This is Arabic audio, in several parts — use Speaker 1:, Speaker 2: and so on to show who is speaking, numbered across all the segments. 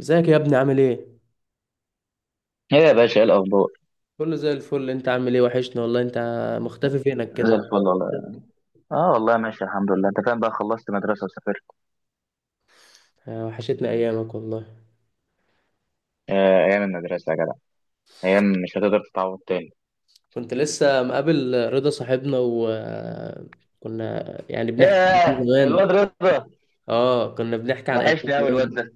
Speaker 1: ازيك يا ابني، عامل ايه؟
Speaker 2: ايه يا باشا، ايه الاخبار؟
Speaker 1: كله زي الفل. انت عامل ايه؟ وحشنا والله انت، مختفي فينك
Speaker 2: زي
Speaker 1: كده.
Speaker 2: الفل والله. اه والله ماشي الحمد لله. انت فاهم بقى، خلصت مدرسة وسافرت.
Speaker 1: آه، وحشتنا ايامك والله.
Speaker 2: ايام المدرسه يا جدع، ايام مش هتقدر تتعوض تاني.
Speaker 1: كنت لسه مقابل رضا صاحبنا وكنا يعني بنحكي عن ايام
Speaker 2: ياه،
Speaker 1: زمان.
Speaker 2: الواد رضا،
Speaker 1: اه، كنا بنحكي عن ايام
Speaker 2: وحشني قوي الواد
Speaker 1: زمان،
Speaker 2: ده.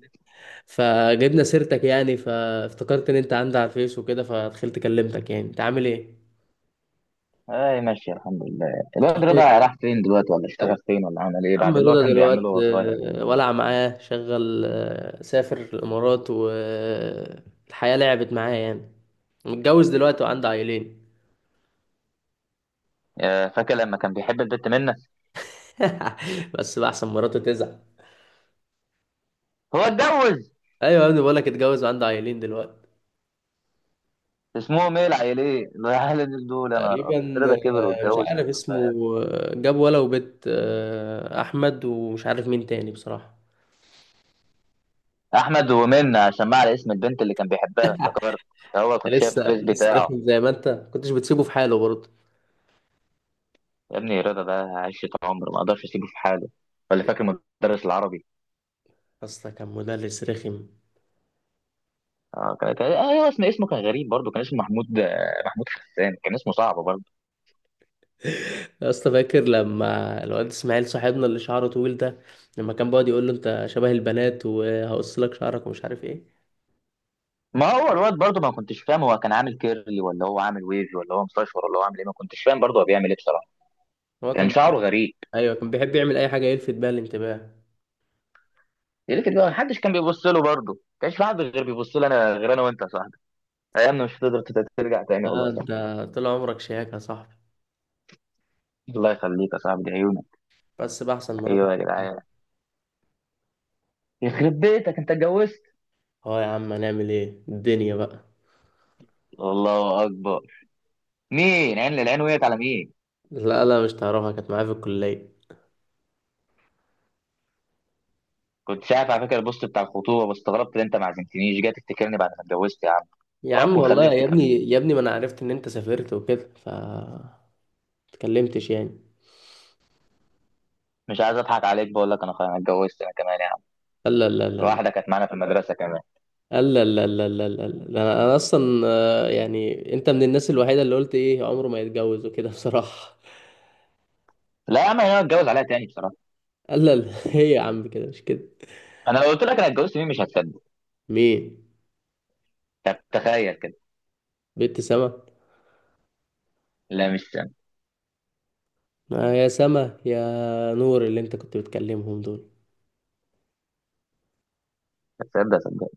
Speaker 1: فجبنا سيرتك يعني، فافتكرت ان انت عندي على الفيس وكده، فدخلت كلمتك. يعني انت عامل ايه؟
Speaker 2: اي ماشي الحمد لله. الواد
Speaker 1: إيه؟
Speaker 2: رضا راح فين دلوقتي؟ ولا اشتغل فين؟ ولا عمل ايه
Speaker 1: عم
Speaker 2: بعد اللي هو
Speaker 1: رضا
Speaker 2: كان
Speaker 1: دلوقتي؟
Speaker 2: بيعمله وهو صغير؟
Speaker 1: آه، ولع معاه شغل. سافر الامارات والحياة لعبت معاه يعني. متجوز دلوقتي وعنده عيلين.
Speaker 2: يا فاكر لما كان بيحب البت منة؟
Speaker 1: بس بقى احسن مراته تزعل.
Speaker 2: هو اتجوز؟
Speaker 1: ايوه يا ابني، بقول لك اتجوز وعنده عيلين دلوقتي.
Speaker 2: اسمهم ايه العيلين العيلين دول؟ يا نهار ابيض،
Speaker 1: تقريبا.
Speaker 2: رضا كبر
Speaker 1: آه، مش
Speaker 2: واتجوز.
Speaker 1: عارف اسمه. آه، جاب ولا وبيت، احمد ومش عارف مين تاني بصراحه.
Speaker 2: احمد ومنة، عشان ما على اسم البنت اللي كان بيحبها افتكرت. هو
Speaker 1: أنت
Speaker 2: كنت شايف
Speaker 1: لسه
Speaker 2: الفيس
Speaker 1: لسه
Speaker 2: بتاعه.
Speaker 1: رخم، زي ما انت كنتش بتسيبه في حاله برضه.
Speaker 2: يا ابني رضا ده عشرة عمر، ما اقدرش اسيبه في حاله. ولا فاكر مدرس العربي؟
Speaker 1: اصلا كان مدرس رخم.
Speaker 2: اه كان اسمه كان غريب برضه، كان اسمه محمود، محمود حسان، كان اسمه صعب برضه.
Speaker 1: يا اسطى، فاكر لما الواد اسماعيل صاحبنا اللي شعره طويل ده، لما كان بيقعد يقول له انت شبه البنات وهقص لك شعرك ومش عارف ايه.
Speaker 2: ما هو الواد برضه ما كنتش فاهم هو كان عامل كيرلي، ولا هو عامل ويف، ولا هو مستشفر، ولا هو عامل ايه. ما كنتش فاهم برضه هو بيعمل ايه بصراحه.
Speaker 1: هو
Speaker 2: كان
Speaker 1: كان
Speaker 2: شعره غريب.
Speaker 1: ايوه، كان بيحب يعمل اي حاجه يلفت بيها الانتباه.
Speaker 2: لكن ما حدش كان بيبص له برضه، ما كانش في حد غير بيبص له انا، غير انا وانت يا صاحبي. ايامنا مش هتقدر ترجع تاني والله
Speaker 1: اه
Speaker 2: يا
Speaker 1: انت،
Speaker 2: صاحبي.
Speaker 1: طول عمرك شياكة يا صاحبي.
Speaker 2: الله يخليك يا صاحبي، دي عيونك.
Speaker 1: بس بقى احسن مرات.
Speaker 2: ايوه يا جدعان، يخرب بيتك انت اتجوزت!
Speaker 1: اه يا عم، هنعمل ايه الدنيا بقى.
Speaker 2: الله اكبر، مين عين للعين وقعت على مين؟
Speaker 1: لا لا، مش تعرفها، كانت معايا في الكلية.
Speaker 2: كنت شايف على فكره البوست بتاع الخطوبه، بس استغربت ان انت ما عزمتنيش، جاي تفتكرني بعد ما اتجوزت يا عم؟
Speaker 1: يا عم
Speaker 2: واكون
Speaker 1: والله
Speaker 2: خلفت
Speaker 1: يا
Speaker 2: كمان.
Speaker 1: ابني، يا ابني ما انا عرفت ان انت سافرت وكده اتكلمتش يعني.
Speaker 2: مش عايز اضحك عليك، بقول لك انا خلاص أنا اتجوزت انا كمان يا عم.
Speaker 1: لا لا لا لا
Speaker 2: واحده كانت معانا في المدرسه كمان.
Speaker 1: لا لا لا لا لا لا، أنا اصلا. آه، يعني انت من الناس الوحيدة اللي قلت ايه عمره ما يتجوز وكده بصراحة.
Speaker 2: لا يا عم، انا اتجوز عليها تاني بصراحه.
Speaker 1: لا لا، هي يا عم كده مش كده.
Speaker 2: انا لو قلت لك انا اتجوزت مين مش هتصدق.
Speaker 1: مين؟
Speaker 2: طب تخيل كده.
Speaker 1: بنت سما؟
Speaker 2: لا، مش سنة.
Speaker 1: ما يا سما يا نور اللي انت كنت بتكلمهم دول.
Speaker 2: هتصدق صدق؟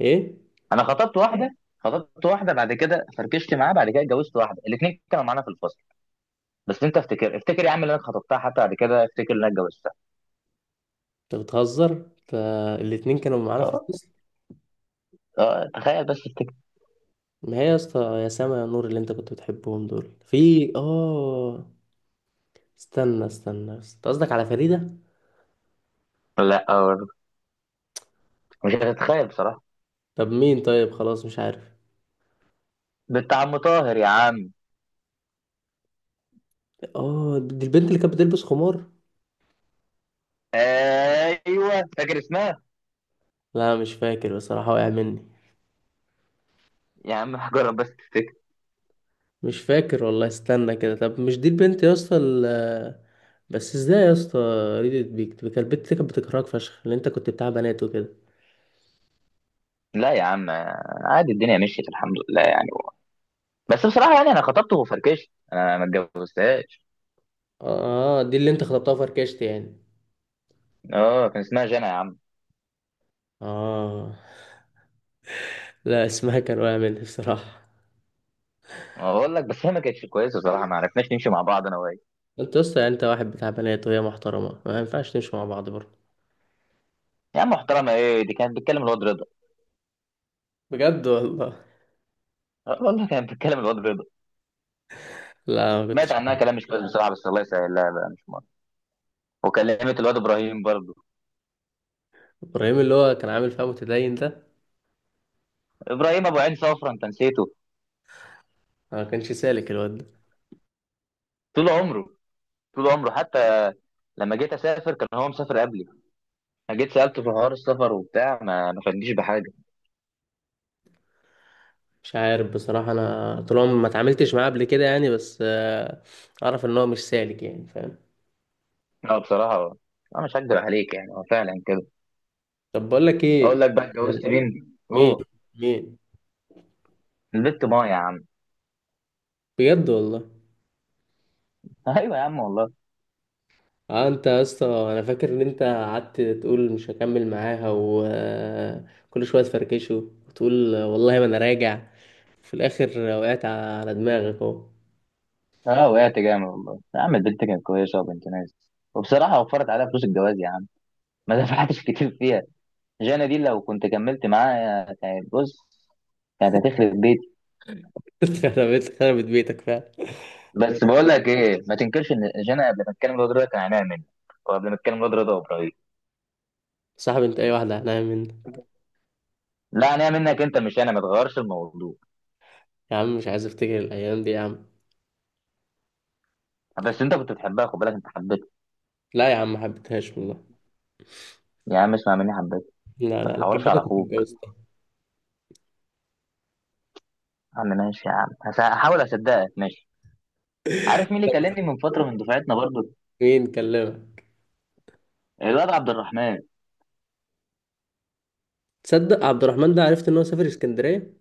Speaker 1: ايه؟
Speaker 2: انا خطبت واحده، خطبت واحده. بعد كده فركشت معاها، بعد كده اتجوزت واحده. الاثنين كانوا معانا في الفصل. بس انت افتكر يا عم، اللي انا خطبتها حتى بعد كده افتكر ان انا اتجوزتها.
Speaker 1: انت بتهزر، فالاتنين كانوا معانا في
Speaker 2: اه.
Speaker 1: الفصل.
Speaker 2: اه تخيل، بس افتكر.
Speaker 1: ما هي يا اسطى، يا سما يا نور اللي انت كنت بتحبهم دول في استنى استنى، انت قصدك على فريدة؟
Speaker 2: لا، أه. مش هتتخيل بصراحة.
Speaker 1: طب مين؟ طيب خلاص مش عارف.
Speaker 2: بنت عم طاهر يا عم.
Speaker 1: اه، دي البنت اللي كانت بتلبس خمار.
Speaker 2: ايوه، فاكر اسمها؟
Speaker 1: لا مش فاكر بصراحة، وقع مني.
Speaker 2: يا عم هجرب، بس تفتكر.
Speaker 1: مش فاكر والله. استنى كده، طب مش دي البنت يا اسطى بس ازاي يا اسطى؟ ريدت بيك كانت البنت اللي كانت بتكرهك فشخ، اللي انت كنت بتاع بنات وكده.
Speaker 2: لا يا عم، عادي الدنيا مشيت الحمد لله يعني. بس بصراحة يعني انا خطبته وفركشت، انا ما اتجوزتهاش.
Speaker 1: اه، دي اللي انت خطبتها فركشت يعني.
Speaker 2: اه كان اسمها جنى يا عم.
Speaker 1: اه. لا اسمها كان واقع مني بصراحة.
Speaker 2: اقول لك، بس هي ما كانتش كويسة بصراحة، ما عرفناش نمشي مع بعض انا وهي.
Speaker 1: انت يا اسطى يعني، انت واحد بتاع بنات وهي محترمة، ما ينفعش تمشوا مع بعض برضه.
Speaker 2: يا عم محترمة ايه، دي كانت بتكلم الواد رضا.
Speaker 1: بجد والله؟
Speaker 2: والله كانت بتكلم الواد رضا.
Speaker 1: لا ما
Speaker 2: مات
Speaker 1: كنتش.
Speaker 2: عنها كلام مش كويس بصراحة، بس الله يسهل. لا لا، مش مرة. وكلمت الواد ابراهيم برضه.
Speaker 1: ابراهيم اللي هو كان عامل فيها متدين ده؟
Speaker 2: ابراهيم ابو عين صفرا، انت نسيته؟
Speaker 1: ما كانش سالك الواد ده.
Speaker 2: طول عمره، طول عمره حتى. لما جيت اسافر كان هو مسافر قبلي. انا جيت سالته في حوار السفر وبتاع، ما فادنيش بحاجه.
Speaker 1: مش عارف بصراحة، انا طول عمري ما اتعاملتش معاه قبل كده يعني بس، اعرف ان هو مش سالك يعني، فاهم.
Speaker 2: لا بصراحه، انا مش هكدب عليك يعني، هو فعلا كده.
Speaker 1: طب بقول لك ايه.
Speaker 2: اقول لك بقى اتجوزت مين؟
Speaker 1: مين؟
Speaker 2: اوه.
Speaker 1: مين؟
Speaker 2: البت ما يا عم.
Speaker 1: بجد والله؟
Speaker 2: ايوه يا عم والله.
Speaker 1: اه انت يا اسطى، انا فاكر ان انت قعدت تقول مش هكمل معاها وكل شويه تفركشه، وتقول والله ما انا راجع، في الاخر وقعت على دماغك اهو.
Speaker 2: اه وقعت جامد والله يا عم. البنت كانت كويسه وبنت ناس، وبصراحه وفرت عليها فلوس الجواز يا عم. ما دفعتش كتير فيها. جانا دي لو كنت كملت معاها كانت بص، كانت هتخرب بيتي.
Speaker 1: خربت خربت بيتك فعلا.
Speaker 2: بس بقول لك ايه، ما تنكرش ان جانا قبل ما اتكلم الواد ده كان عينيها مني، وقبل ما اتكلم الواد رضا وابراهيم.
Speaker 1: صاحب، انت اي واحده هنعمل منها.
Speaker 2: لا انا منك انت، مش انا، ما تغيرش الموضوع.
Speaker 1: يا عم مش عايز افتكر الايام دي يا عم.
Speaker 2: بس انت كنت بتحبها، خد بالك انت حبيتها.
Speaker 1: لا يا عم، ما حبيتهاش والله.
Speaker 2: يا عم اسمع مني، حبيتها.
Speaker 1: لا
Speaker 2: ما
Speaker 1: لا، لو
Speaker 2: تحورش على
Speaker 1: حبيتك كنت
Speaker 2: اخوك.
Speaker 1: اتجوزت.
Speaker 2: يا عم ماشي يا عم، هحاول اصدقك ماشي. عارف مين اللي كلمني من فتره من دفعتنا برضو؟
Speaker 1: مين كلمك؟
Speaker 2: الواد عبد الرحمن.
Speaker 1: تصدق عبد الرحمن ده، عرفت ان هو سافر اسكندريه؟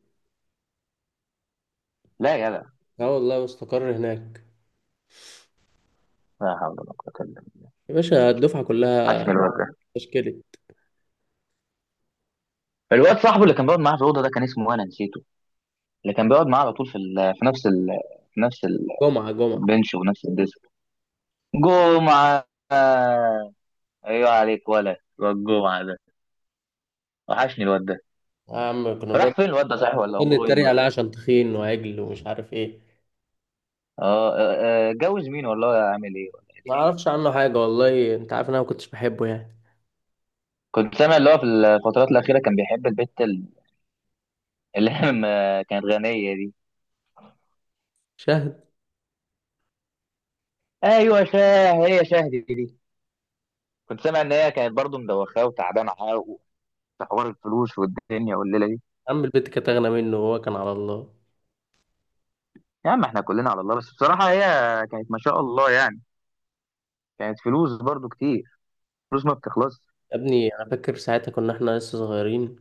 Speaker 2: لا يا جدع!
Speaker 1: اه والله، واستقر هناك.
Speaker 2: لا حول ولا قوه الا بالله!
Speaker 1: يا باشا الدفعه كلها.
Speaker 2: عشمي الواد ده.
Speaker 1: تشكيلي.
Speaker 2: الواد صاحبه اللي كان بيقعد معاه في الاوضه ده كان اسمه إيه؟ انا نسيته. اللي كان بيقعد معاه على طول في نفس
Speaker 1: جمعه جمعه.
Speaker 2: البنش ونفس الديسك. جمعه! ايوه عليك، ولا الواد جمعه ده، وحشني الواد ده.
Speaker 1: يا عم كنا بنقعد،
Speaker 2: راح فين الواد ده صحيح؟ ولا
Speaker 1: كنا
Speaker 2: اموره ايه
Speaker 1: نتريق
Speaker 2: دلوقتي؟
Speaker 1: عليه عشان تخين وعجل ومش عارف ايه.
Speaker 2: اه. جوز مين والله؟ اعمل ايه ولا ايه
Speaker 1: ما
Speaker 2: دنيته.
Speaker 1: اعرفش عنه حاجه والله، انت عارف ان انا ما كنتش بحبه يعني.
Speaker 2: كنت سامع اللي هو في الفترات الاخيره كان بيحب البت اللي هي كانت غنيه دي.
Speaker 1: شاهد.
Speaker 2: ايوه شاه، هي شاه دي دي. كنت سامع ان هي كانت برضه مدوخاه وتعبانه حق، في حوار الفلوس والدنيا والليله دي.
Speaker 1: عم البت كانت اغنى منه وهو كان على الله.
Speaker 2: يا عم احنا كلنا على الله، بس بصراحه هي كانت ما شاء الله يعني، كانت فلوس برضه كتير، فلوس ما بتخلصش.
Speaker 1: يا ابني، انا فاكر ساعتها كنا احنا لسه صغيرين،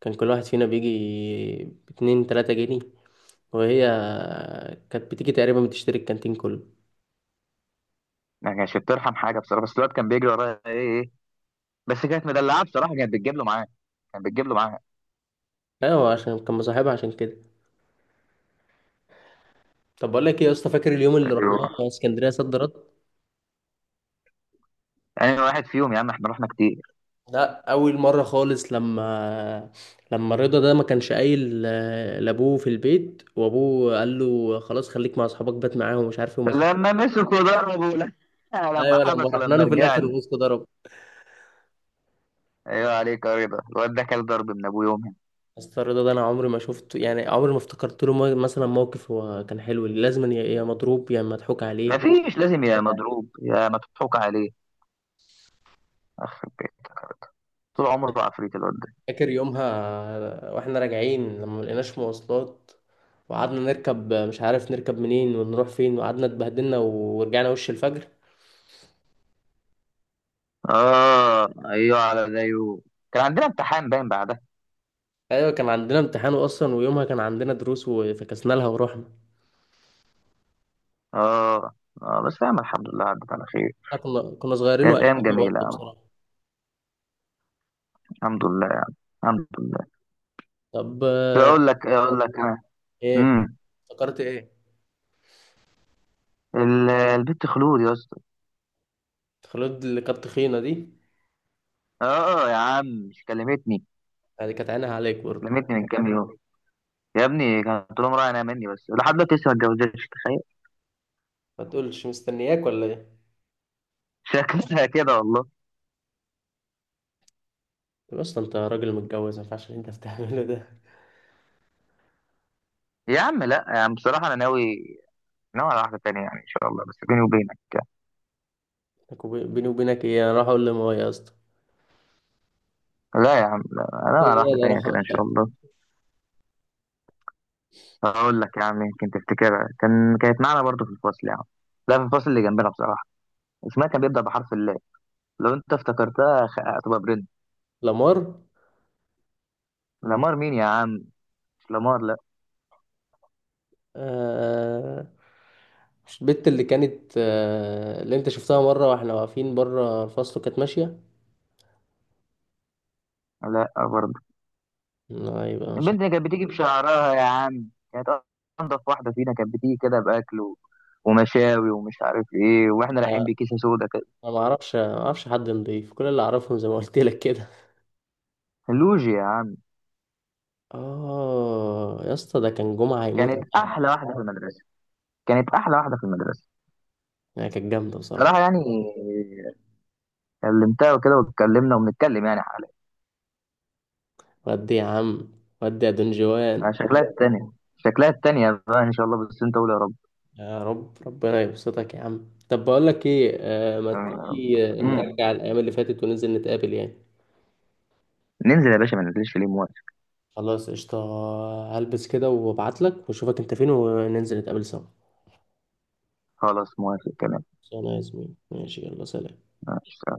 Speaker 1: كان كل واحد فينا بيجي باتنين تلاتة جنيه، وهي كانت بتيجي تقريبا بتشتري الكانتين كله.
Speaker 2: ما كانتش بترحم حاجه بصراحه، بس الواد كان بيجري ورايا ايه ايه إيه. بس كانت مدلعه بصراحه، كانت بتجيب له معاه.
Speaker 1: ايوه، عشان كان مصاحبها، عشان كده. طب بقول لك ايه يا اسطى، فاكر اليوم اللي
Speaker 2: ايوه
Speaker 1: رحناه اسكندريه صد رد؟
Speaker 2: انا واحد فيهم يا عم، احنا رحنا كتير.
Speaker 1: لا، اول مره خالص، لما رضا ده ما كانش قايل لابوه في البيت، وابوه قال له خلاص خليك مع اصحابك، بات معاهم ومش عارف ايه وما تخش.
Speaker 2: لما مسكوا ضربوا. لا، لما
Speaker 1: ايوه، لما
Speaker 2: حبسوا
Speaker 1: رحنا
Speaker 2: لما
Speaker 1: له في الاخر،
Speaker 2: رجعنا.
Speaker 1: الوسط ضرب.
Speaker 2: ايوه عليك يا رضا، الواد ده كان ضرب من ابوه يومها.
Speaker 1: بس رضا ده، انا عمري ما شفته يعني، عمري ما افتكرت له مثلا موقف هو كان حلو، لازم يا مضروب يا مضحوك عليه.
Speaker 2: مفيش، لازم يا مضروب يا مضحوك عليه. أخ، طول عمره عفريت الواد ده.
Speaker 1: فاكر يومها واحنا راجعين لما ملقيناش مواصلات، وقعدنا نركب مش عارف نركب منين ونروح فين، وقعدنا اتبهدلنا ورجعنا وش الفجر.
Speaker 2: اه ايوه على زيه. كان عندنا امتحان باين بعدها.
Speaker 1: ايوه، كان عندنا امتحان اصلا، ويومها كان عندنا دروس وفكسنا لها ورحنا.
Speaker 2: اه اه، بس فاهم الحمد لله عدت على خير.
Speaker 1: إحنا كنا صغيرين
Speaker 2: كانت
Speaker 1: وقتها.
Speaker 2: ايام
Speaker 1: برضه
Speaker 2: جميله أوي.
Speaker 1: بصراحه.
Speaker 2: الحمد لله يعني، الحمد لله.
Speaker 1: طب
Speaker 2: اقول لك، اقول لك انا.
Speaker 1: ايه؟
Speaker 2: امم
Speaker 1: افتكرت ايه؟
Speaker 2: البت خلود يا اسطى.
Speaker 1: خلود اللي كانت تخينه دي؟
Speaker 2: اه يا عم، مش كلمتني؟
Speaker 1: يعني كانت عينها عليك برضه.
Speaker 2: كلمتني من كام يوم. يا ابني كانت لهم رايح انا مني، بس لحد دلوقتي لسه ما اتجوزتش، تخيل.
Speaker 1: ما تقولش مستنياك ولا ايه؟
Speaker 2: شكلها كده والله.
Speaker 1: طب اصلا انت راجل متجوز، ما ينفعش اللي انت بتعمله ده.
Speaker 2: يا عم لا يا عم، بصراحه انا ناوي، ناوي على واحده تانية يعني ان شاء الله، بس بيني وبينك يعني.
Speaker 1: لك بيني وبينك ايه؟ انا راح اقول لماما يا اسطى.
Speaker 2: لا يا عم، لا انا
Speaker 1: لا
Speaker 2: ناوي على واحده
Speaker 1: لا،
Speaker 2: تانية
Speaker 1: راح
Speaker 2: كده ان شاء
Speaker 1: اقول.
Speaker 2: الله. هقول لك يا عم، يمكن تفتكرها، كان كانت معانا برضو في الفصل يا عم. لا في الفصل اللي جنبنا بصراحه. اسمها كان بيبدا بحرف اللام. لو انت افتكرتها هتبقى برنس.
Speaker 1: لمار؟
Speaker 2: لامار مين يا عم؟ مش لامار لا.
Speaker 1: آه... مش البت اللي كانت اللي انت شفتها مره واحنا واقفين بره الفصل وكانت ماشيه؟
Speaker 2: لا برضه.
Speaker 1: لا، يبقى مش
Speaker 2: البنت اللي كانت بتيجي بشعرها يا عم، كانت انضف واحده فينا، كانت بتيجي كده باكل ومشاوي ومش عارف ايه، واحنا رايحين
Speaker 1: عارف.
Speaker 2: بكيسه سودا كده.
Speaker 1: انا ما اعرفش حد نضيف، كل اللي اعرفهم زي ما قلت لك كده.
Speaker 2: لوجيا يا عم.
Speaker 1: اه يا اسطى، ده كان جمعة هيموت
Speaker 2: كانت
Speaker 1: عنها.
Speaker 2: احلى واحده في المدرسه، كانت احلى واحده في المدرسه.
Speaker 1: هي كانت جامدة بصراحة.
Speaker 2: صراحه يعني، كلمتها وكده واتكلمنا وبنتكلم يعني حاليا.
Speaker 1: ودي يا عم، ودي يا
Speaker 2: مع
Speaker 1: دنجوان.
Speaker 2: شكلها التانية، شكلها التانية بقى ان شاء الله، بس انت قول يا رب.
Speaker 1: يا رب ربنا يبسطك يا عم. طب بقول لك ايه، ما
Speaker 2: آمين يا رب.
Speaker 1: تيجي،
Speaker 2: مم.
Speaker 1: نرجع الايام اللي فاتت وننزل نتقابل يعني.
Speaker 2: ننزل يا باشا، ما ننزلش ليه، موافق.
Speaker 1: خلاص قشطة. هلبس كده وابعت لك واشوفك انت فين، وننزل نتقابل سوا.
Speaker 2: خلاص موافق كمان.
Speaker 1: خلاص يا زميلي، ماشي، يلا سلام.
Speaker 2: ماشي.